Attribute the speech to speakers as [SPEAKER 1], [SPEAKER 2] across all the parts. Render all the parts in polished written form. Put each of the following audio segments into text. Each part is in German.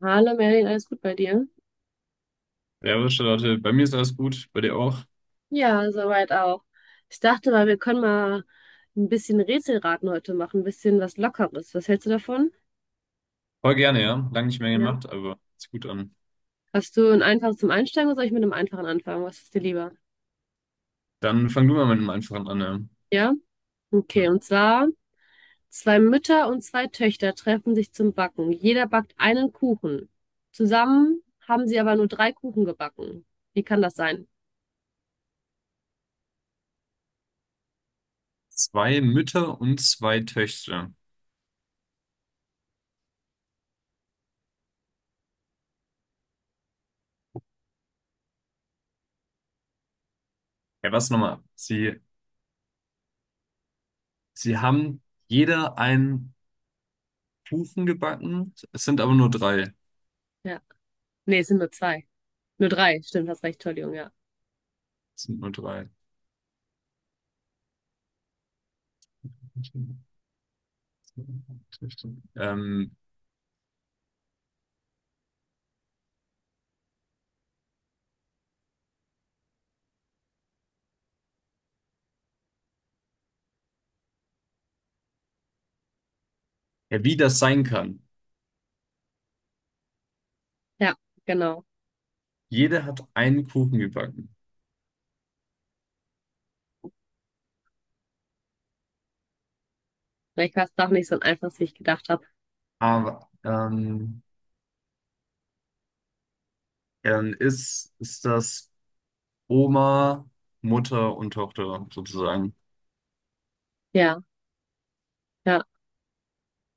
[SPEAKER 1] Hallo Merlin, alles gut bei dir?
[SPEAKER 2] Servus, Charlotte. Bei mir ist alles gut, bei dir auch.
[SPEAKER 1] Ja, soweit auch. Ich dachte mal, wir können mal ein bisschen Rätselraten heute machen, ein bisschen was Lockeres. Was hältst du davon?
[SPEAKER 2] Voll gerne, ja. Lange nicht mehr
[SPEAKER 1] Ja.
[SPEAKER 2] gemacht, aber ist gut an.
[SPEAKER 1] Hast du ein einfaches zum Einsteigen oder soll ich mit einem einfachen anfangen? Was ist dir lieber?
[SPEAKER 2] Dann fang du mal mit einem einfachen an. Ja.
[SPEAKER 1] Ja?
[SPEAKER 2] Ja.
[SPEAKER 1] Okay, und zwar, zwei Mütter und zwei Töchter treffen sich zum Backen. Jeder backt einen Kuchen. Zusammen haben sie aber nur drei Kuchen gebacken. Wie kann das sein?
[SPEAKER 2] Zwei Mütter und zwei Töchter. Ja, was nochmal? Sie haben jeder einen Kuchen gebacken. Es sind aber nur drei.
[SPEAKER 1] Ja. Nee, es sind nur zwei. Nur drei, stimmt, hast recht, Entschuldigung, ja.
[SPEAKER 2] Es sind nur drei. Ähm, ja, wie das sein kann.
[SPEAKER 1] Ja, genau.
[SPEAKER 2] Jeder hat einen Kuchen gebacken.
[SPEAKER 1] Vielleicht war doch nicht so einfach, wie ich gedacht habe.
[SPEAKER 2] Aber dann ist das. Oma, Mutter und Tochter sozusagen.
[SPEAKER 1] Ja, ja.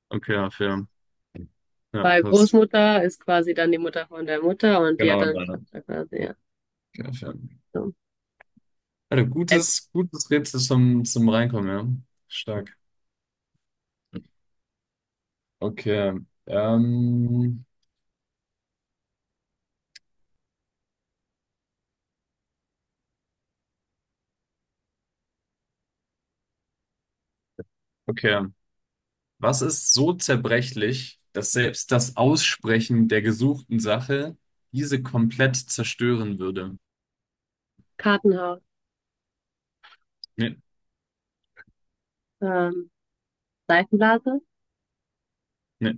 [SPEAKER 2] Okay, ja, fair. Ja,
[SPEAKER 1] Weil
[SPEAKER 2] passt.
[SPEAKER 1] Großmutter ist quasi dann die Mutter von der Mutter und die hat
[SPEAKER 2] Genau,
[SPEAKER 1] dann eine
[SPEAKER 2] nein.
[SPEAKER 1] Tochter quasi, ja.
[SPEAKER 2] Okay, fair.
[SPEAKER 1] So.
[SPEAKER 2] Also
[SPEAKER 1] Äh,
[SPEAKER 2] gutes, gutes Rätsel zum Reinkommen, ja. Stark. Okay. Ähm, okay. Was ist so zerbrechlich, dass selbst das Aussprechen der gesuchten Sache diese komplett zerstören würde?
[SPEAKER 1] Kartenhaus,
[SPEAKER 2] Nee,
[SPEAKER 1] ähm, Seifenblase.
[SPEAKER 2] nee.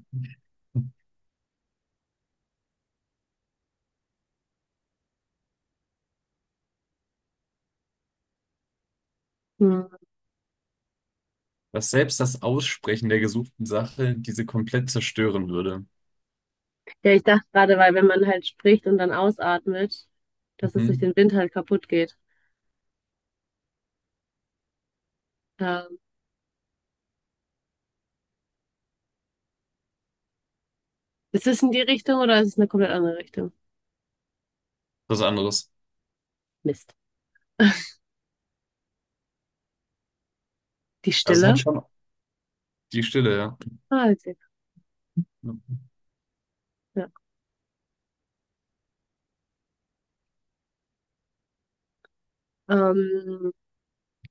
[SPEAKER 1] Hm.
[SPEAKER 2] Dass selbst das Aussprechen der gesuchten Sache diese komplett zerstören würde.
[SPEAKER 1] Ja, ich dachte gerade, weil wenn man halt spricht und dann ausatmet, dass es durch
[SPEAKER 2] Mhm.
[SPEAKER 1] den Wind halt kaputt geht. Ähm, ist es in die Richtung oder ist es eine komplett andere Richtung?
[SPEAKER 2] Was anderes.
[SPEAKER 1] Mist. Die
[SPEAKER 2] Also es
[SPEAKER 1] Stille.
[SPEAKER 2] hat schon die Stille, ja.
[SPEAKER 1] Ah, witzig. Ja. Ähm,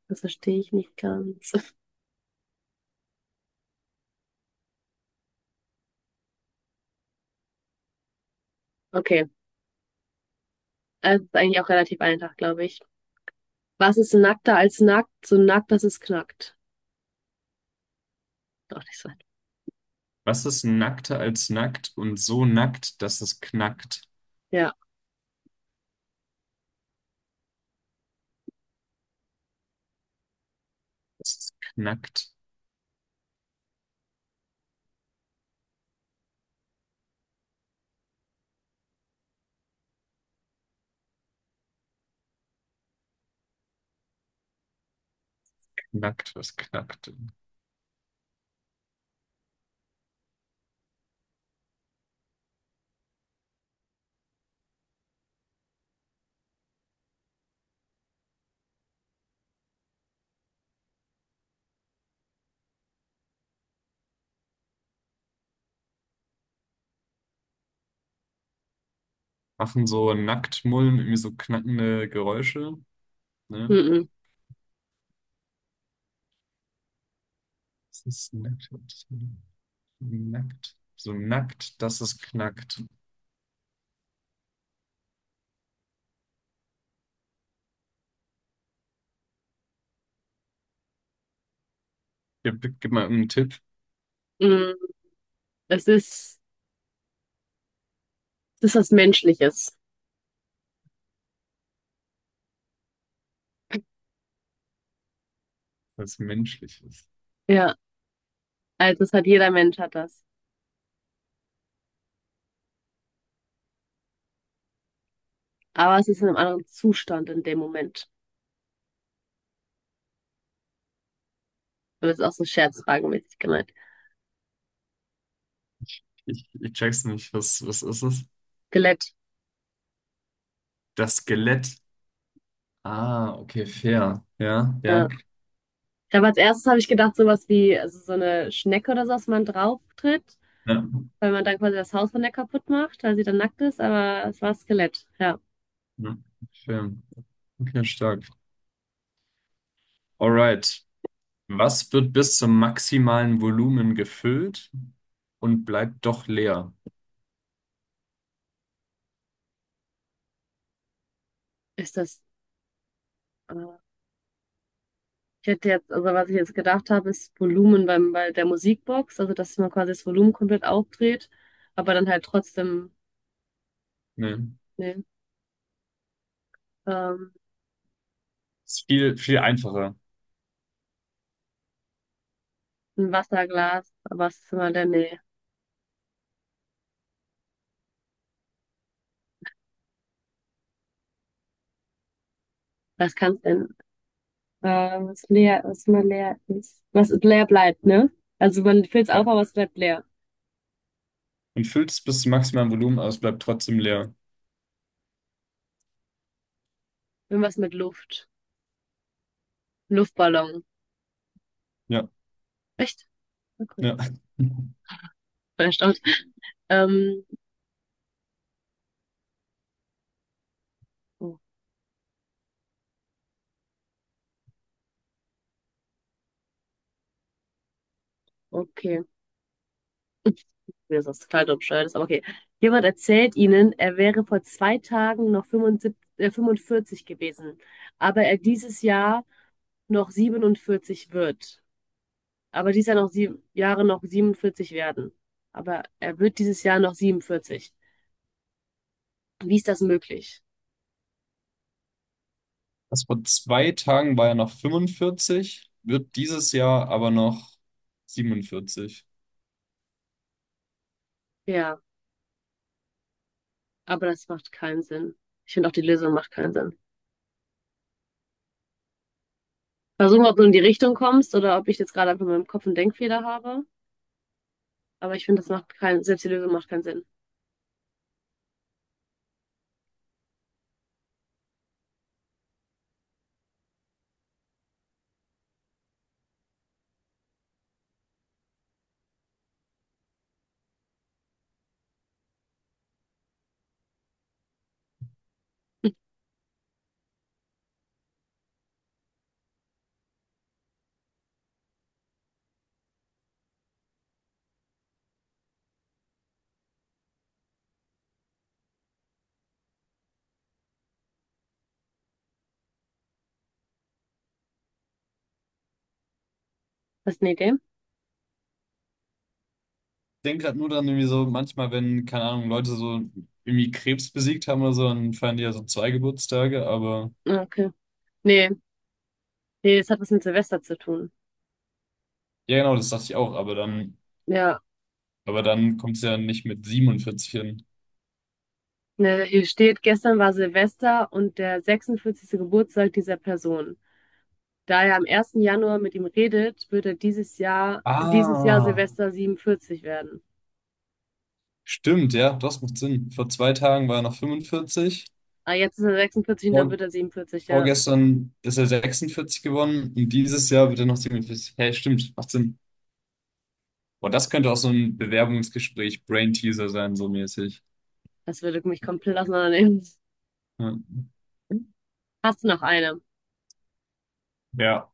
[SPEAKER 1] das verstehe ich nicht ganz. Okay, also ist eigentlich auch relativ einfach, glaube ich. Was ist nackter als nackt? So nackt, dass es knackt. Doch nicht so.
[SPEAKER 2] Was ist nackter als nackt und so nackt, dass es knackt?
[SPEAKER 1] Ja,
[SPEAKER 2] Es ist knackt, knackt, was knackt denn? Machen so Nacktmullen irgendwie so knackende Geräusche, ne?
[SPEAKER 1] mhm,
[SPEAKER 2] Es ist nackt, nackt, so nackt, dass es knackt. Gib mal irgendeinen Tipp,
[SPEAKER 1] mhm. Es ist, es ist was Menschliches.
[SPEAKER 2] was menschlich ist.
[SPEAKER 1] Ja, also das hat jeder Mensch hat das. Aber es ist in einem anderen Zustand in dem Moment. Und das ist auch so scherzfragenmäßig gemeint.
[SPEAKER 2] Ich check's nicht, was ist es?
[SPEAKER 1] Skelett.
[SPEAKER 2] Das Skelett. Ah, okay, fair. Ja, ja,
[SPEAKER 1] Ja. Ich habe als erstes habe ich gedacht, sowas wie also so eine Schnecke oder so, dass man drauf tritt,
[SPEAKER 2] ja.
[SPEAKER 1] weil man dann quasi das Haus von der kaputt macht, weil sie dann nackt ist, aber es war Skelett. Ja,
[SPEAKER 2] Ja. Fair. Okay, stark. Alright. Was wird bis zum maximalen Volumen gefüllt und bleibt doch leer?
[SPEAKER 1] ist das. Äh, ich hätte jetzt, also was ich jetzt gedacht habe, ist Volumen bei der Musikbox, also dass man quasi das Volumen komplett aufdreht, aber dann halt trotzdem.
[SPEAKER 2] Nee.
[SPEAKER 1] Nee. Ähm,
[SPEAKER 2] Ist viel, viel einfacher.
[SPEAKER 1] ein Wasserglas, aber es ist immer der Nähe. Was kann es denn? Äh, was leer, was immer leer ist. Was leer bleibt, ne? Also man füllt es auf,
[SPEAKER 2] Ja.
[SPEAKER 1] aber es bleibt leer.
[SPEAKER 2] Man füllt es bis zum maximalen Volumen, aber es bleibt trotzdem leer.
[SPEAKER 1] Irgendwas mit Luft. Luftballon.
[SPEAKER 2] Ja,
[SPEAKER 1] Echt? Okay.
[SPEAKER 2] ja.
[SPEAKER 1] Bin erstaunt. Ähm, oh, okay. Mir ist das total dumm, bescheuert ist, aber okay. Jemand erzählt ihnen, er wäre vor zwei Tagen noch 45 gewesen, aber er dieses Jahr noch 47 wird. Aber dies Jahr noch sieben Jahre noch 47 werden. Aber er wird dieses Jahr noch 47. Wie ist das möglich?
[SPEAKER 2] Das vor zwei Tagen war ja noch 45, wird dieses Jahr aber noch 47.
[SPEAKER 1] Ja, aber das macht keinen Sinn. Ich finde auch die Lösung macht keinen Sinn. Versuchen, ob du in die Richtung kommst oder ob ich jetzt gerade einfach in meinem Kopf einen Denkfehler habe. Aber ich finde, das macht keinen, selbst die Lösung macht keinen Sinn. Hast du eine Idee?
[SPEAKER 2] Ich denke gerade nur dann irgendwie so, manchmal, wenn, keine Ahnung, Leute so irgendwie Krebs besiegt haben oder so, dann feiern die ja so zwei Geburtstage, aber
[SPEAKER 1] Ah, okay. Nee, nee, das hat was mit Silvester zu tun.
[SPEAKER 2] ja, genau, das dachte ich auch. aber dann
[SPEAKER 1] Ja,
[SPEAKER 2] Aber dann kommt es ja nicht mit 47 hin.
[SPEAKER 1] ne, hier steht, gestern war Silvester und der 46. Geburtstag dieser Person. Da er am ersten Januar mit ihm redet, wird dieses Jahr
[SPEAKER 2] Ah,
[SPEAKER 1] Silvester 47 werden.
[SPEAKER 2] stimmt, ja, das macht Sinn. Vor zwei Tagen war er noch 45,
[SPEAKER 1] Ah, jetzt ist er 46 und dann
[SPEAKER 2] vor,
[SPEAKER 1] wird er 47, ja.
[SPEAKER 2] vorgestern ist er 46 gewonnen und dieses Jahr wird er noch 47. Hey, stimmt, macht Sinn. Boah, das könnte auch so ein Bewerbungsgespräch, Brain-Teaser sein, so mäßig.
[SPEAKER 1] Das würde mich komplett auseinandernehmen.
[SPEAKER 2] Ja,
[SPEAKER 1] Hast du noch eine?
[SPEAKER 2] ja.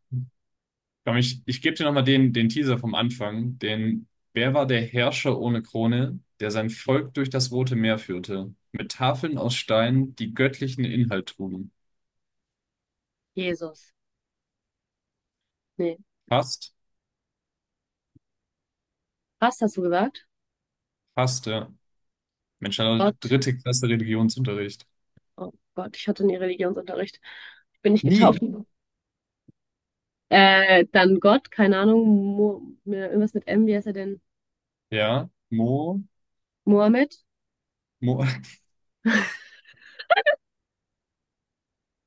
[SPEAKER 2] Komm, ich gebe dir nochmal den Teaser vom Anfang. Wer war der Herrscher ohne Krone, der sein Volk durch das Rote Meer führte, mit Tafeln aus Stein, die göttlichen Inhalt trugen?
[SPEAKER 1] Jesus. Nee.
[SPEAKER 2] Fast,
[SPEAKER 1] Was hast du gesagt?
[SPEAKER 2] fast, ja. Mensch, eine
[SPEAKER 1] Gott.
[SPEAKER 2] dritte Klasse Religionsunterricht.
[SPEAKER 1] Oh Gott, ich hatte nie Religionsunterricht. Ich bin nicht
[SPEAKER 2] Nie.
[SPEAKER 1] getauft. Dann Gott, keine Ahnung. Irgendwas mit M, wie heißt er denn?
[SPEAKER 2] Ja.
[SPEAKER 1] Mohammed?
[SPEAKER 2] Mo,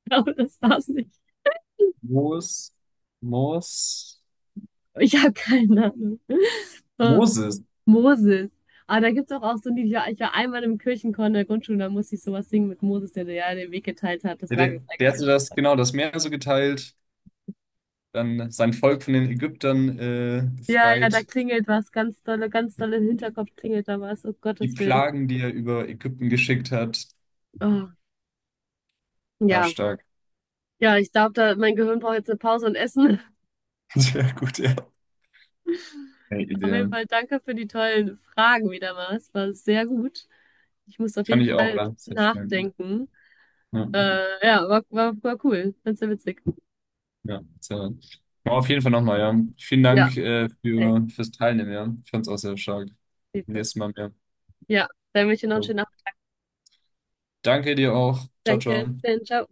[SPEAKER 1] Ich glaube, das war's nicht.
[SPEAKER 2] Mos, Mos,
[SPEAKER 1] Ich habe keine Ahnung. Oh.
[SPEAKER 2] Moses.
[SPEAKER 1] Moses. Aber da gibt es auch so ein Lied, ich war einmal im Kirchenchor in der Grundschule, da musste ich sowas singen mit Moses, der, ja den Weg geteilt hat, das
[SPEAKER 2] Der, der
[SPEAKER 1] Lager
[SPEAKER 2] der
[SPEAKER 1] geteilt
[SPEAKER 2] hatte das,
[SPEAKER 1] hat.
[SPEAKER 2] genau, das Meer so geteilt, dann sein Volk von den Ägyptern
[SPEAKER 1] Ja, ja, da
[SPEAKER 2] befreit,
[SPEAKER 1] klingelt was, ganz dolle im Hinterkopf klingelt da was, um
[SPEAKER 2] die
[SPEAKER 1] Gottes Willen.
[SPEAKER 2] Plagen, die er über Ägypten geschickt hat.
[SPEAKER 1] Oh,
[SPEAKER 2] Ja,
[SPEAKER 1] ja,
[SPEAKER 2] stark.
[SPEAKER 1] ja, ich glaube, da, mein Gehirn braucht jetzt eine Pause und Essen.
[SPEAKER 2] Sehr gut, ja. Hey,
[SPEAKER 1] Auf jeden
[SPEAKER 2] Idee.
[SPEAKER 1] Fall danke für die tollen Fragen wieder mal, es war sehr gut. Ich muss auf
[SPEAKER 2] Fand
[SPEAKER 1] jeden
[SPEAKER 2] ich auch,
[SPEAKER 1] Fall
[SPEAKER 2] oder? Sehr stark.
[SPEAKER 1] nachdenken.
[SPEAKER 2] Ja.
[SPEAKER 1] Ja, war cool, ganz sehr witzig.
[SPEAKER 2] Ja, sehr. Aber auf jeden Fall nochmal, ja. Vielen
[SPEAKER 1] Ja,
[SPEAKER 2] Dank
[SPEAKER 1] okay,
[SPEAKER 2] fürs Teilnehmen, ja. Ich fand's auch sehr stark.
[SPEAKER 1] geht so.
[SPEAKER 2] Nächstes Mal mehr.
[SPEAKER 1] Ja, dann wünsche ich dir noch einen
[SPEAKER 2] Jo.
[SPEAKER 1] schönen Abend.
[SPEAKER 2] Danke dir auch. Ciao, ciao.
[SPEAKER 1] Danke, bis dann, ciao.